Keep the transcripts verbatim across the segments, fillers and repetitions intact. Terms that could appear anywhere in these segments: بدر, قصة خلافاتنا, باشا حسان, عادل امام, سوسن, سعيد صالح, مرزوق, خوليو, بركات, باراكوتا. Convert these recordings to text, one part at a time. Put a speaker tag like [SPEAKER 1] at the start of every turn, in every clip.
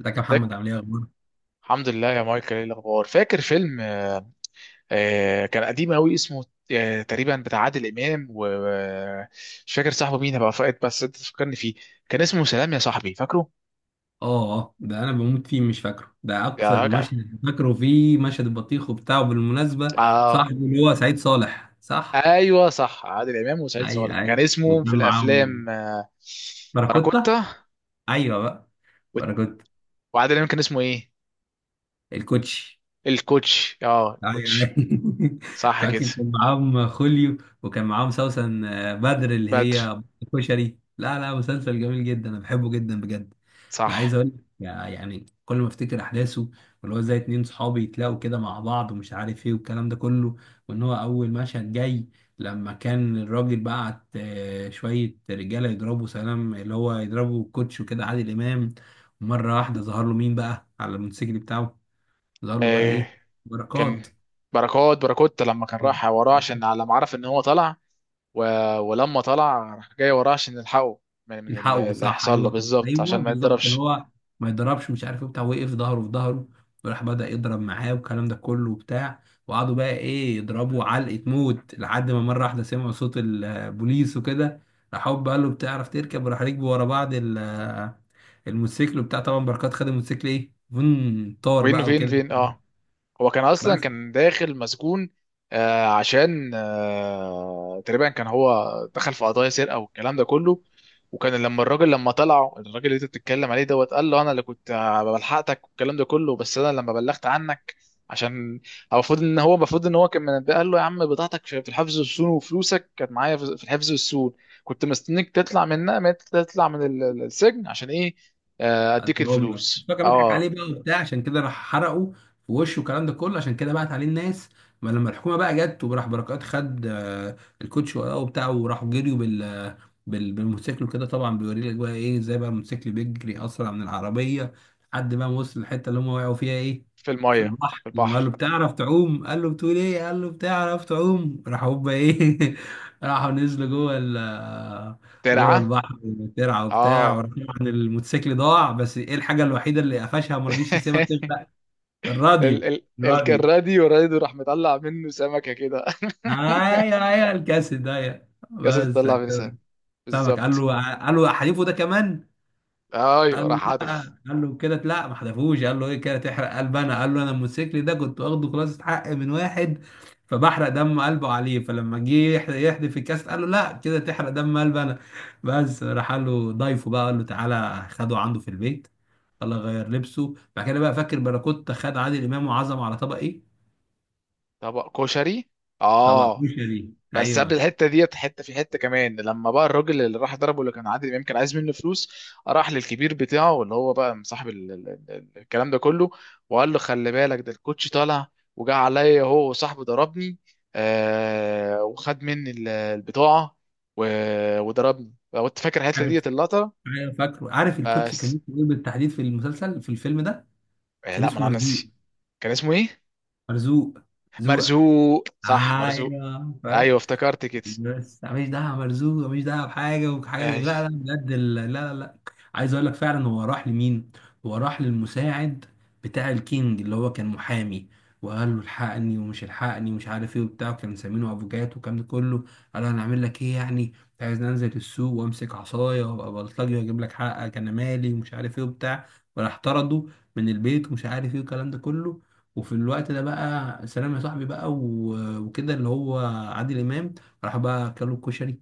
[SPEAKER 1] ازيك يا محمد؟
[SPEAKER 2] ازيك.
[SPEAKER 1] عامل ايه؟ اخبارك؟
[SPEAKER 2] الحمد لله يا مايكل، ايه الاخبار؟ فاكر فيلم، آه، آه، كان قديم قوي اسمه؟ آه، تقريبا بتاع عادل امام، ومش فاكر صاحبه مين بقى، فاقد، بس انت تفكرني فيه. كان اسمه سلام يا صاحبي، فاكره؟
[SPEAKER 1] اه اه، ده انا بموت فيه، مش فاكره. ده اكثر
[SPEAKER 2] يا جدع.
[SPEAKER 1] مشهد فاكره فيه مشهد البطيخ وبتاعه. بالمناسبة صاحبه
[SPEAKER 2] اه.
[SPEAKER 1] اللي هو سعيد صالح، صح؟
[SPEAKER 2] ايوه صح، عادل امام وسعيد صالح
[SPEAKER 1] ايوه
[SPEAKER 2] كان
[SPEAKER 1] ايوه،
[SPEAKER 2] اسمه في
[SPEAKER 1] وكان معاهم
[SPEAKER 2] الافلام. آه،
[SPEAKER 1] باراكوتا.
[SPEAKER 2] باراكوتا.
[SPEAKER 1] ايوه بقى.
[SPEAKER 2] و-
[SPEAKER 1] باراكوتا
[SPEAKER 2] وعادل امام كان اسمه ايه؟
[SPEAKER 1] الكوتشي.
[SPEAKER 2] الكوتش، اه
[SPEAKER 1] ايوه
[SPEAKER 2] الكوتش.
[SPEAKER 1] ايوه
[SPEAKER 2] صح كده.
[SPEAKER 1] فاكر كان معاهم خوليو، وكان معاهم سوسن آه، بدر اللي
[SPEAKER 2] بدر.
[SPEAKER 1] هي كشري. لا لا، مسلسل جميل جدا، انا بحبه جدا بجد. انا عايز
[SPEAKER 2] صح.
[SPEAKER 1] اقول لك، يعني كل ما افتكر احداثه، واللي هو ازاي اتنين صحابي يتلاقوا كده مع بعض ومش عارف ايه والكلام ده كله. وان هو اول مشهد جاي لما كان الراجل بعت آه، شويه رجاله يضربوا سلام اللي هو، يضربوا كوتش وكده عادل امام. مره واحده ظهر له مين بقى على الموتوسيكل بتاعه؟ ظهر له بقى
[SPEAKER 2] آه،
[SPEAKER 1] ايه؟ بركات.
[SPEAKER 2] كان بركات. بركات لما كان راح وراه عشان على ما عرف ان هو طلع. و... ولما طلع راح جاي وراه عشان يلحقه من, من اللي
[SPEAKER 1] الحقه،
[SPEAKER 2] اللي
[SPEAKER 1] صح،
[SPEAKER 2] هيحصل له
[SPEAKER 1] ايوه
[SPEAKER 2] بالظبط
[SPEAKER 1] ايوه
[SPEAKER 2] عشان ما
[SPEAKER 1] بالظبط. كان
[SPEAKER 2] يتضربش.
[SPEAKER 1] هو ما يضربش مش عارف ايه بتاع، وقف ظهره في ظهره، وراح بدأ يضرب معاه والكلام ده كله وبتاع، وقعدوا بقى ايه، يضربوا علقة موت لحد ما مرة واحدة سمعوا صوت البوليس وكده. راح هوب قال له بتعرف تركب، وراح ركبوا ورا بعض ال- الموتوسيكل وبتاع. طبعا بركات خد الموتوسيكل ايه، فن، طار
[SPEAKER 2] وين
[SPEAKER 1] بقى
[SPEAKER 2] فين
[SPEAKER 1] وكده.
[SPEAKER 2] فين اه هو كان اصلا
[SPEAKER 1] بس
[SPEAKER 2] كان داخل مسجون. آه، عشان آه، تقريبا كان هو دخل في قضايا سرقه والكلام ده كله. وكان لما الراجل لما طلعوا الراجل اللي انت بتتكلم عليه دوت، قال له انا اللي كنت آه، بلحقتك والكلام ده كله، بس انا لما بلغت عنك عشان هو. المفروض ان هو المفروض ان هو كان منبه، قال له يا عم بضاعتك في في الحفظ والسون، وفلوسك كانت معايا في في الحفظ والسون، كنت مستنيك تطلع من، تطلع من ال- ال- السجن عشان ايه؟ آه، اديك
[SPEAKER 1] عدهم لك، بس
[SPEAKER 2] الفلوس.
[SPEAKER 1] هو كان بيضحك
[SPEAKER 2] اه.
[SPEAKER 1] عليه بقى وبتاع، عشان كده راح حرقه في وشه والكلام ده كله، عشان كده بعت عليه الناس. ما لما الحكومه بقى جت، وراح بركات خد آه، الكوتش وراه وبتاع، وراحوا جريوا بال بال- بالموتوسيكل وكده. طبعا بيوري لك بقى ايه، ازاي بقى الموتوسيكل بيجري اسرع من العربيه، لحد ما وصل الحته اللي هم وقعوا فيها ايه،
[SPEAKER 2] في
[SPEAKER 1] في
[SPEAKER 2] الميه.
[SPEAKER 1] البحر.
[SPEAKER 2] في
[SPEAKER 1] لما قال له
[SPEAKER 2] البحر
[SPEAKER 1] بتعرف تعوم؟ قال له بتقول ايه؟ قال له بتعرف تعوم؟ راح هوبا ايه راحوا نزلوا جوه، جوه
[SPEAKER 2] ترعى.
[SPEAKER 1] البحر. ترعى وبتاع،
[SPEAKER 2] اه.
[SPEAKER 1] وراح طبعا الموتوسيكل ضاع، بس ايه، الحاجه الوحيده اللي قفشها، ما رضيش يسيبها تغرق،
[SPEAKER 2] ال
[SPEAKER 1] الراديو.
[SPEAKER 2] ال ال
[SPEAKER 1] الراديو،
[SPEAKER 2] الراديو راديو راح مطلع منه سمكة كده.
[SPEAKER 1] ايوه ايوه الكاسيت ده،
[SPEAKER 2] ياسر،
[SPEAKER 1] بس
[SPEAKER 2] تطلع
[SPEAKER 1] على
[SPEAKER 2] منه سمكة؟
[SPEAKER 1] كده. سمك، قال
[SPEAKER 2] بالظبط.
[SPEAKER 1] له قال له حليفه ده كمان.
[SPEAKER 2] ايوه
[SPEAKER 1] قال
[SPEAKER 2] راح
[SPEAKER 1] لا،
[SPEAKER 2] هدف.
[SPEAKER 1] قال له كده لا ما حذفوش، قال له ايه كده تحرق قلب انا، قال له انا الموتوسيكل ده كنت واخده خلاص حق من واحد فبحرق دم قلبه عليه. فلما جه يحد- يحدف الكاس قال له لا كده تحرق دم قلب انا. بس راح قال له ضيفه بقى، قال له تعالى خده عنده في البيت. الله غير لبسه بعد كده بقى. فاكر باراكوتا خد عادل امام وعزم على طبق ايه؟
[SPEAKER 2] طبق كشري.
[SPEAKER 1] طبق
[SPEAKER 2] اه.
[SPEAKER 1] كشري.
[SPEAKER 2] بس قبل
[SPEAKER 1] ايوه
[SPEAKER 2] الحته ديت حته، في حته كمان لما بقى الراجل اللي راح ضربه اللي كان عادل امام كان عايز منه فلوس. راح للكبير بتاعه اللي هو بقى صاحب ال- ال- ال- الكلام ده كله، وقال له خلي بالك ده الكوتش طالع وجا عليا هو وصاحبه ضربني آه وخد مني ال- البطاعه و- وضربني، لو انت فاكر الحته
[SPEAKER 1] عارف،
[SPEAKER 2] ديت اللقطه.
[SPEAKER 1] ايوه فاكره عارف. الكوتش كان
[SPEAKER 2] بس.
[SPEAKER 1] اسمه ايه بالتحديد في المسلسل، في الفيلم ده؟
[SPEAKER 2] آه
[SPEAKER 1] كان
[SPEAKER 2] لا ما
[SPEAKER 1] اسمه
[SPEAKER 2] انا
[SPEAKER 1] مرزوق.
[SPEAKER 2] ناسي. كان اسمه ايه؟
[SPEAKER 1] مرزوق زوق.
[SPEAKER 2] مرزوق. صح، مرزوق.
[SPEAKER 1] ايوه
[SPEAKER 2] ايوه
[SPEAKER 1] فاهم.
[SPEAKER 2] افتكرت كده.
[SPEAKER 1] بس ماليش دعوه مرزوق، ماليش دعوه بحاجه وحاجه دي.
[SPEAKER 2] ايوه.
[SPEAKER 1] لا لا بجد، ال- لا لا لا. عايز اقول لك فعلا، هو راح لمين؟ هو راح للمساعد بتاع الكينج اللي هو كان محامي، وقال له الحقني ومش الحقني ومش عارف ايه وبتاع. كان مسمينه ابو جات والكلام ده كله. قال له انا اعمل لك ايه يعني؟ انت عايز انزل السوق وامسك عصايه وابقى بلطجي واجيب لك حقك؟ انا مالي ومش عارف ايه وبتاع. وراح طرده من البيت ومش عارف ايه والكلام ده كله. وفي الوقت ده بقى سلام يا صاحبي بقى و- وكده، اللي هو عادل امام، راح بقى اكلوا الكشري.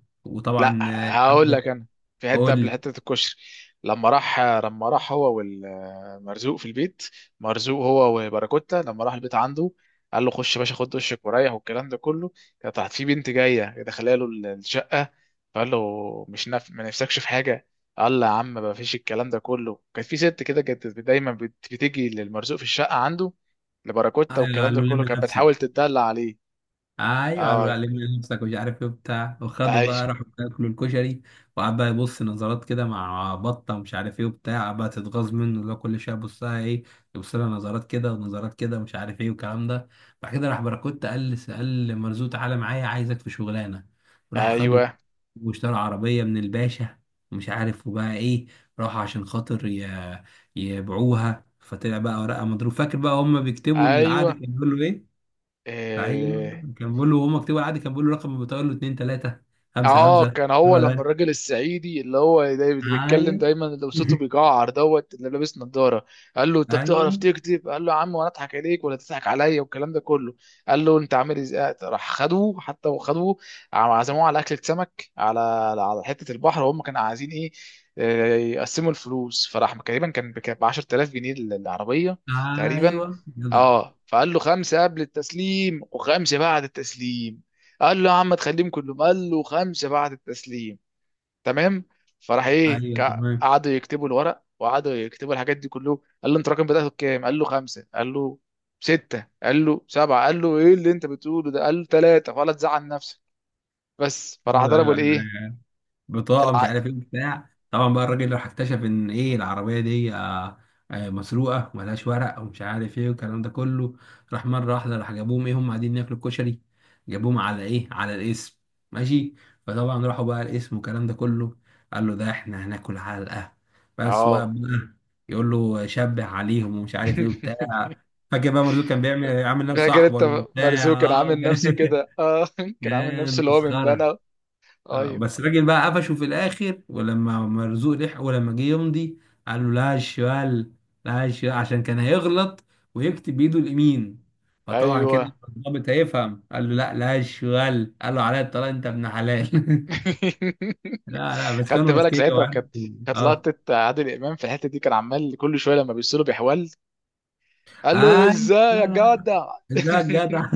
[SPEAKER 2] لا،
[SPEAKER 1] وطبعا آه،
[SPEAKER 2] هقول
[SPEAKER 1] حبه.
[SPEAKER 2] لك انا، في حته
[SPEAKER 1] اقول
[SPEAKER 2] قبل
[SPEAKER 1] لي.
[SPEAKER 2] حته الكشري، لما راح لما راح هو والمرزوق في البيت، مرزوق هو وباراكوتا، لما راح البيت عنده قال له خش يا باشا خد دشك وريح والكلام ده كله. كانت تحت في بنت جايه دخلها له الشقه، فقال له مش نف... ما نفسكش في حاجه. قال له يا عم ما فيش، الكلام ده كله، كانت في ست كده كانت دايما بت- بتيجي للمرزوق في الشقه عنده
[SPEAKER 1] آه،
[SPEAKER 2] لباراكوتا، والكلام ده
[SPEAKER 1] قالوا
[SPEAKER 2] كله
[SPEAKER 1] لم
[SPEAKER 2] كانت بتحاول
[SPEAKER 1] نفسك.
[SPEAKER 2] تتدلع عليه.
[SPEAKER 1] ايوه قالوا
[SPEAKER 2] اي.
[SPEAKER 1] علمنا نفسك ومش عارف ايه وبتاع. وخدوا
[SPEAKER 2] ايوه،
[SPEAKER 1] بقى راحوا ياكلوا الكشري، وقعد بقى يبص نظرات كده مع بطه ومش عارف ايه وبتاع. قعد بقى تتغاظ منه، اللي هو كل شويه يبص لها ايه، يبص لها نظرات كده ونظرات كده ومش عارف ايه والكلام ده. بعد كده راح باراكوت قال قال مرزوق تعالى معايا عايزك في شغلانه، وراح خده
[SPEAKER 2] ايوه،
[SPEAKER 1] واشترى عربيه من الباشا ومش عارف وبقى ايه. راح عشان خاطر ي- يبيعوها. فطلع بقى ورقه مضروب. فاكر بقى هم بيكتبوا العقد،
[SPEAKER 2] ايوه.
[SPEAKER 1] كان بيقولوا ايه؟ ايوه.
[SPEAKER 2] اه.
[SPEAKER 1] كان بيقول له وهو مكتوب عادي، كان بيقول له رقم، بتقول له اتنين تلاتة خمسة
[SPEAKER 2] آه،
[SPEAKER 1] خمسة.
[SPEAKER 2] كان هو
[SPEAKER 1] هو
[SPEAKER 2] لما
[SPEAKER 1] ده،
[SPEAKER 2] الراجل الصعيدي اللي هو داي- اللي بيتكلم
[SPEAKER 1] ايوه
[SPEAKER 2] دايما اللي صوته بيجعر دوت اللي لابس نظاره، قال له انت
[SPEAKER 1] ايوه
[SPEAKER 2] بتعرف تكتب؟ قال له يا عم، وانا اضحك عليك ولا تضحك عليا، والكلام ده كله. قال له انت عامل ازاي؟ راح خدوه حتى، وخدوه عم- عزموه على اكله سمك على، على حته البحر، وهم كانوا عايزين ايه؟ آه، يقسموا الفلوس. فراح تقريبا كان ب عشرتلاف جنيه ال- العربيه، تقريبا.
[SPEAKER 1] ايوه جدع،
[SPEAKER 2] اه. فقال له خمسه قبل التسليم وخمسه بعد التسليم. قال له يا عم تخليهم كلهم. قال له خمسه بعد التسليم، تمام. فراح ايه،
[SPEAKER 1] ايوه
[SPEAKER 2] كا-
[SPEAKER 1] تمام،
[SPEAKER 2] قعدوا يكتبوا الورق وقعدوا يكتبوا الحاجات دي كله. قال له انت رقم بدأته بكام؟ قال له خمسه. قال له سته. قال له سبعه. قال له ايه اللي انت بتقوله ده؟ قال له ثلاثه ولا تزعل نفسك. بس. فراح
[SPEAKER 1] ايوه
[SPEAKER 2] ضربوا
[SPEAKER 1] ايوه
[SPEAKER 2] الايه،
[SPEAKER 1] ايوه بطاقه مش
[SPEAKER 2] العقد.
[SPEAKER 1] عارف ايه بتاع. طبعا بقى الراجل راح اكتشف ان ايه، العربيه دي آه، آه، مسروقه وملهاش ورق ومش عارف ايه والكلام ده كله. راح مره واحده راح جابوهم ايه، هم قاعدين ياكلوا الكشري. جابوهم على ايه، على الاسم. ماشي. فطبعا راحوا بقى الاسم والكلام ده كله. قال له ده احنا هناكل علقه، بس وقف
[SPEAKER 2] اه.
[SPEAKER 1] بقى يقول له شبه عليهم ومش عارف ايه وبتاع. فاكر بقى مرزوق كان بيعمل عامل نفسه
[SPEAKER 2] فاكر
[SPEAKER 1] صاحبه
[SPEAKER 2] انت
[SPEAKER 1] وبتاع،
[SPEAKER 2] مرزوق كان
[SPEAKER 1] اه
[SPEAKER 2] عامل
[SPEAKER 1] كان
[SPEAKER 2] نفسه كده؟ اه. كان عامل نفسه
[SPEAKER 1] كان
[SPEAKER 2] اللي هو من
[SPEAKER 1] مسخره.
[SPEAKER 2] بنا.
[SPEAKER 1] آه
[SPEAKER 2] ايوه،
[SPEAKER 1] بس الراجل بقى قفشه في الاخر، ولما مرزوق لحقه، ولما جه يمضي قال له لا الشمال، لا الشمال، عشان كان هيغلط ويكتب بايده اليمين، فطبعا كده
[SPEAKER 2] ايوه.
[SPEAKER 1] الضابط هيفهم. قال له لا لا الشمال. قال له عليا الطلاق انت ابن حلال لا لا، بس
[SPEAKER 2] خدت
[SPEAKER 1] كانوا
[SPEAKER 2] بالك
[SPEAKER 1] اذكياء
[SPEAKER 2] ساعتها؟ كانت
[SPEAKER 1] وعرفوا.
[SPEAKER 2] كانت
[SPEAKER 1] اه
[SPEAKER 2] لقطه عادل امام في الحته دي، كان عمال كل شويه لما بيصله بيحول. قال له
[SPEAKER 1] اي،
[SPEAKER 2] ازاي يا
[SPEAKER 1] لا لا
[SPEAKER 2] جدع.
[SPEAKER 1] ده جدع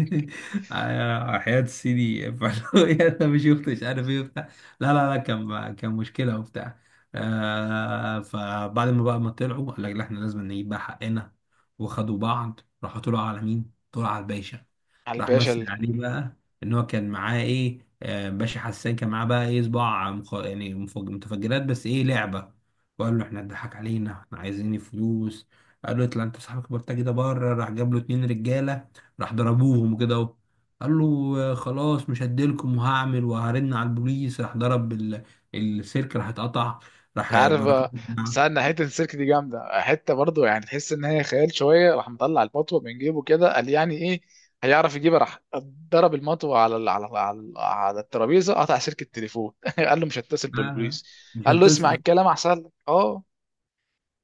[SPEAKER 1] على حياة سيدي فلوية، انا مش يخت مش عارف ايه وبتاع. لا لا لا، كان كان مشكلة وبتاع. آه فبعد ما بقى ما طلعوا قال لك لا احنا لازم نجيب بقى حقنا. وخدوا بعض راحوا طلعوا على مين؟ طلعوا على الباشا.
[SPEAKER 2] على
[SPEAKER 1] راح
[SPEAKER 2] الباشا
[SPEAKER 1] مثل
[SPEAKER 2] اللي،
[SPEAKER 1] عليه بقى ان هو كان معاه ايه، آه باشا حسان، كان معاه بقى ايه، صباع مخ... يعني مفج... متفجرات، بس ايه، لعبة. وقال له احنا اتضحك علينا، احنا عايزين فلوس. قال له اطلع انت صاحبك البلطجي ده بره. راح جاب له اتنين رجاله، راح ضربوهم كده اهو. قال له آه، خلاص مش هديلكم، وهعمل وهرن على البوليس. راح ضرب ال- السلك، راح اتقطع. راح
[SPEAKER 2] عارف،
[SPEAKER 1] بركات الجماعة.
[SPEAKER 2] استنى. حته السيرك دي جامده، حته برضو يعني تحس ان هي خيال شويه. راح مطلع المطوه من جيبه كده قال يعني ايه، هيعرف يجيبها؟ راح ضرب المطوه على ال- على على, على الترابيزه قطع سلك التليفون. قال له مش هتصل
[SPEAKER 1] آه آه،
[SPEAKER 2] بالبوليس.
[SPEAKER 1] مش
[SPEAKER 2] قال له اسمع
[SPEAKER 1] هتصل.
[SPEAKER 2] الكلام احسن لك. اه.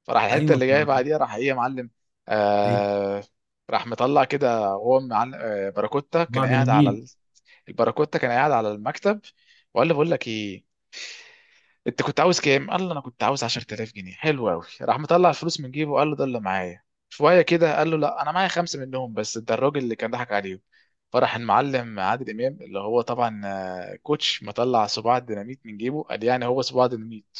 [SPEAKER 2] فراح الحته
[SPEAKER 1] ايوه ف-
[SPEAKER 2] اللي جايه بعديها، راح ايه يا معلم.
[SPEAKER 1] إيه،
[SPEAKER 2] آه راح مطلع كده وهو معلم، آه باراكوتا كان
[SPEAKER 1] بعد
[SPEAKER 2] قاعد على
[SPEAKER 1] نميل
[SPEAKER 2] ال... الباراكوتا كان قاعد على المكتب، وقال له بقول لك ايه، انت كنت عاوز كام؟ قال له انا كنت عاوز عشرتلاف جنيه. حلو قوي. راح مطلع الفلوس من جيبه وقال له ده اللي معايا شويه كده. قال له لا، انا معايا خمسه منهم بس، ده الراجل اللي كان ضحك عليهم. فراح المعلم عادل امام اللي هو طبعا آه، كوتش، مطلع صباع الديناميت من جيبه قال يعني هو صباع ديناميت،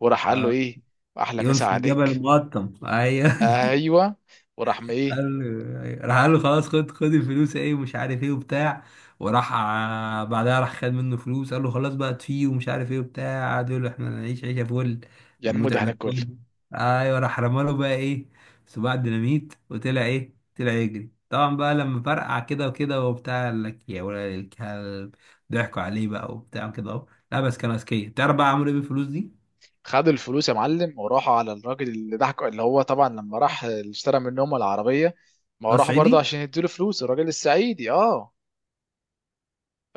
[SPEAKER 2] وراح قال له
[SPEAKER 1] آه
[SPEAKER 2] ايه، احلى مسا
[SPEAKER 1] يونس الجبل
[SPEAKER 2] عليك.
[SPEAKER 1] المقطم. ايوه،
[SPEAKER 2] ايوه. وراح ما ايه،
[SPEAKER 1] قال له، راح قال له خلاص، خد خد الفلوس ايه ومش عارف ايه وبتاع. وراح ع- بعدها راح خد منه فلوس، قال له خلاص بقى تفيه ومش عارف ايه وبتاع. قعد يقول له احنا هنعيش عيشه فل،
[SPEAKER 2] يعني
[SPEAKER 1] نموت
[SPEAKER 2] مده
[SPEAKER 1] احنا
[SPEAKER 2] هناكل.
[SPEAKER 1] كل. ايوه، راح رمى له بقى ايه، صباع ديناميت، وطلع ايه، طلع يجري. طبعا بقى لما فرقع كده وكده وبتاع، قال لك يا ولد الكلب، ضحكوا عليه بقى وبتاع كده اهو. لا بس كان اذكياء. تعرف بقى عملوا ايه بالفلوس دي؟
[SPEAKER 2] خدوا الفلوس يا معلم وراحوا على الراجل اللي ضحك، اللي هو طبعا لما راح اللي اشترى منهم العربيه، ما هو
[SPEAKER 1] ده
[SPEAKER 2] راح برضه
[SPEAKER 1] الصعيدي.
[SPEAKER 2] عشان يديله فلوس الراجل السعيدي. اه.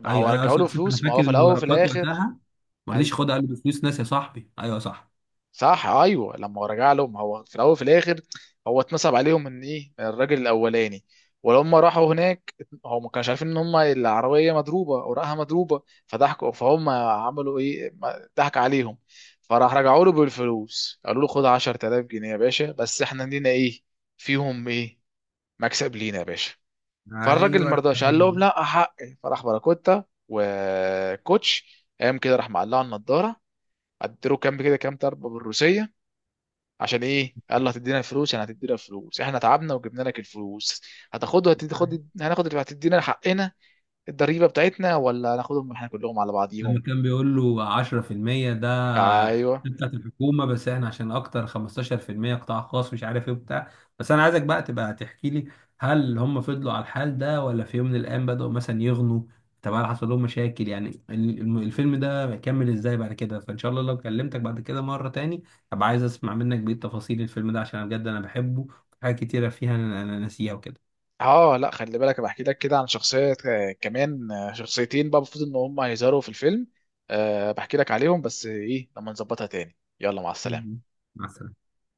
[SPEAKER 2] ما
[SPEAKER 1] ايوه
[SPEAKER 2] هو
[SPEAKER 1] ايوه،
[SPEAKER 2] رجعوا
[SPEAKER 1] أصل-
[SPEAKER 2] له
[SPEAKER 1] أصل انا
[SPEAKER 2] فلوس، ما هو
[SPEAKER 1] فاكر
[SPEAKER 2] في
[SPEAKER 1] ان
[SPEAKER 2] الاول وفي
[SPEAKER 1] بركات
[SPEAKER 2] الاخر.
[SPEAKER 1] وقتها ما رضيش
[SPEAKER 2] ايوه.
[SPEAKER 1] ياخدها، قال له دي فلوس ناس يا صاحبي، ايوه صح.
[SPEAKER 2] صح، ايوه. لما هو رجع لهم هو في الاول وفي الاخر، هو اتنصب عليهم من ايه، من الراجل الاولاني. ولما راحوا هناك هو ما كانش عارفين ان هم العربيه مضروبه، اوراقها مضروبه، فضحكوا، فهم عملوا ايه، ما- ضحك عليهم. فراح رجعوا له بالفلوس، قالوا له خد عشرتلاف جنيه يا باشا، بس احنا لينا ايه فيهم، ايه مكسب لينا يا باشا. فالراجل
[SPEAKER 1] ايوه
[SPEAKER 2] ما رضاش، قال
[SPEAKER 1] الراجل
[SPEAKER 2] لهم
[SPEAKER 1] ده.
[SPEAKER 2] لا حقي. فراح باراكوتا وكوتش قام كده راح مقلع النضاره، اديله كام كده كام ضربه بالروسيه. عشان ايه؟ قال له هتدينا فلوس، يعني هتدينا فلوس، احنا تعبنا وجبنا لك الفلوس، هتاخدها؟ هتدي
[SPEAKER 1] أيوة.
[SPEAKER 2] خد، هناخد، هتدينا حقنا الضريبه بتاعتنا، ولا هناخدهم احنا كلهم على
[SPEAKER 1] لما
[SPEAKER 2] بعضيهم.
[SPEAKER 1] كان بيقول له عشرة في المية ده
[SPEAKER 2] ايوه.
[SPEAKER 1] بتاعت الحكومه، بس احنا عشان اكتر خمستاشر في المية قطاع خاص مش عارف ايه وبتاع. بس انا عايزك بقى تبقى تحكي لي، هل هم فضلوا على الحال ده، ولا في يوم من الايام بدأوا مثلا يغنوا؟ طب هل حصل لهم مشاكل؟ يعني ال- الم- الفيلم ده كمل ازاي بعد كده؟ فان شاء الله لو كلمتك بعد كده مره تاني، ابقى عايز اسمع منك بقيه تفاصيل الفيلم ده، عشان أنا بجد انا بحبه. حاجات كتيره فيها انا أنا ناسيها وكده.
[SPEAKER 2] اه. لا، خلي بالك، أنا بحكي لك كده عن شخصيه آه، كمان، آه، شخصيتين بقى المفروض ان هم هيظهروا في الفيلم. أه بحكي لك عليهم، بس ايه لما نظبطها تاني. يلا، مع السلامه.
[SPEAKER 1] مع السلامة.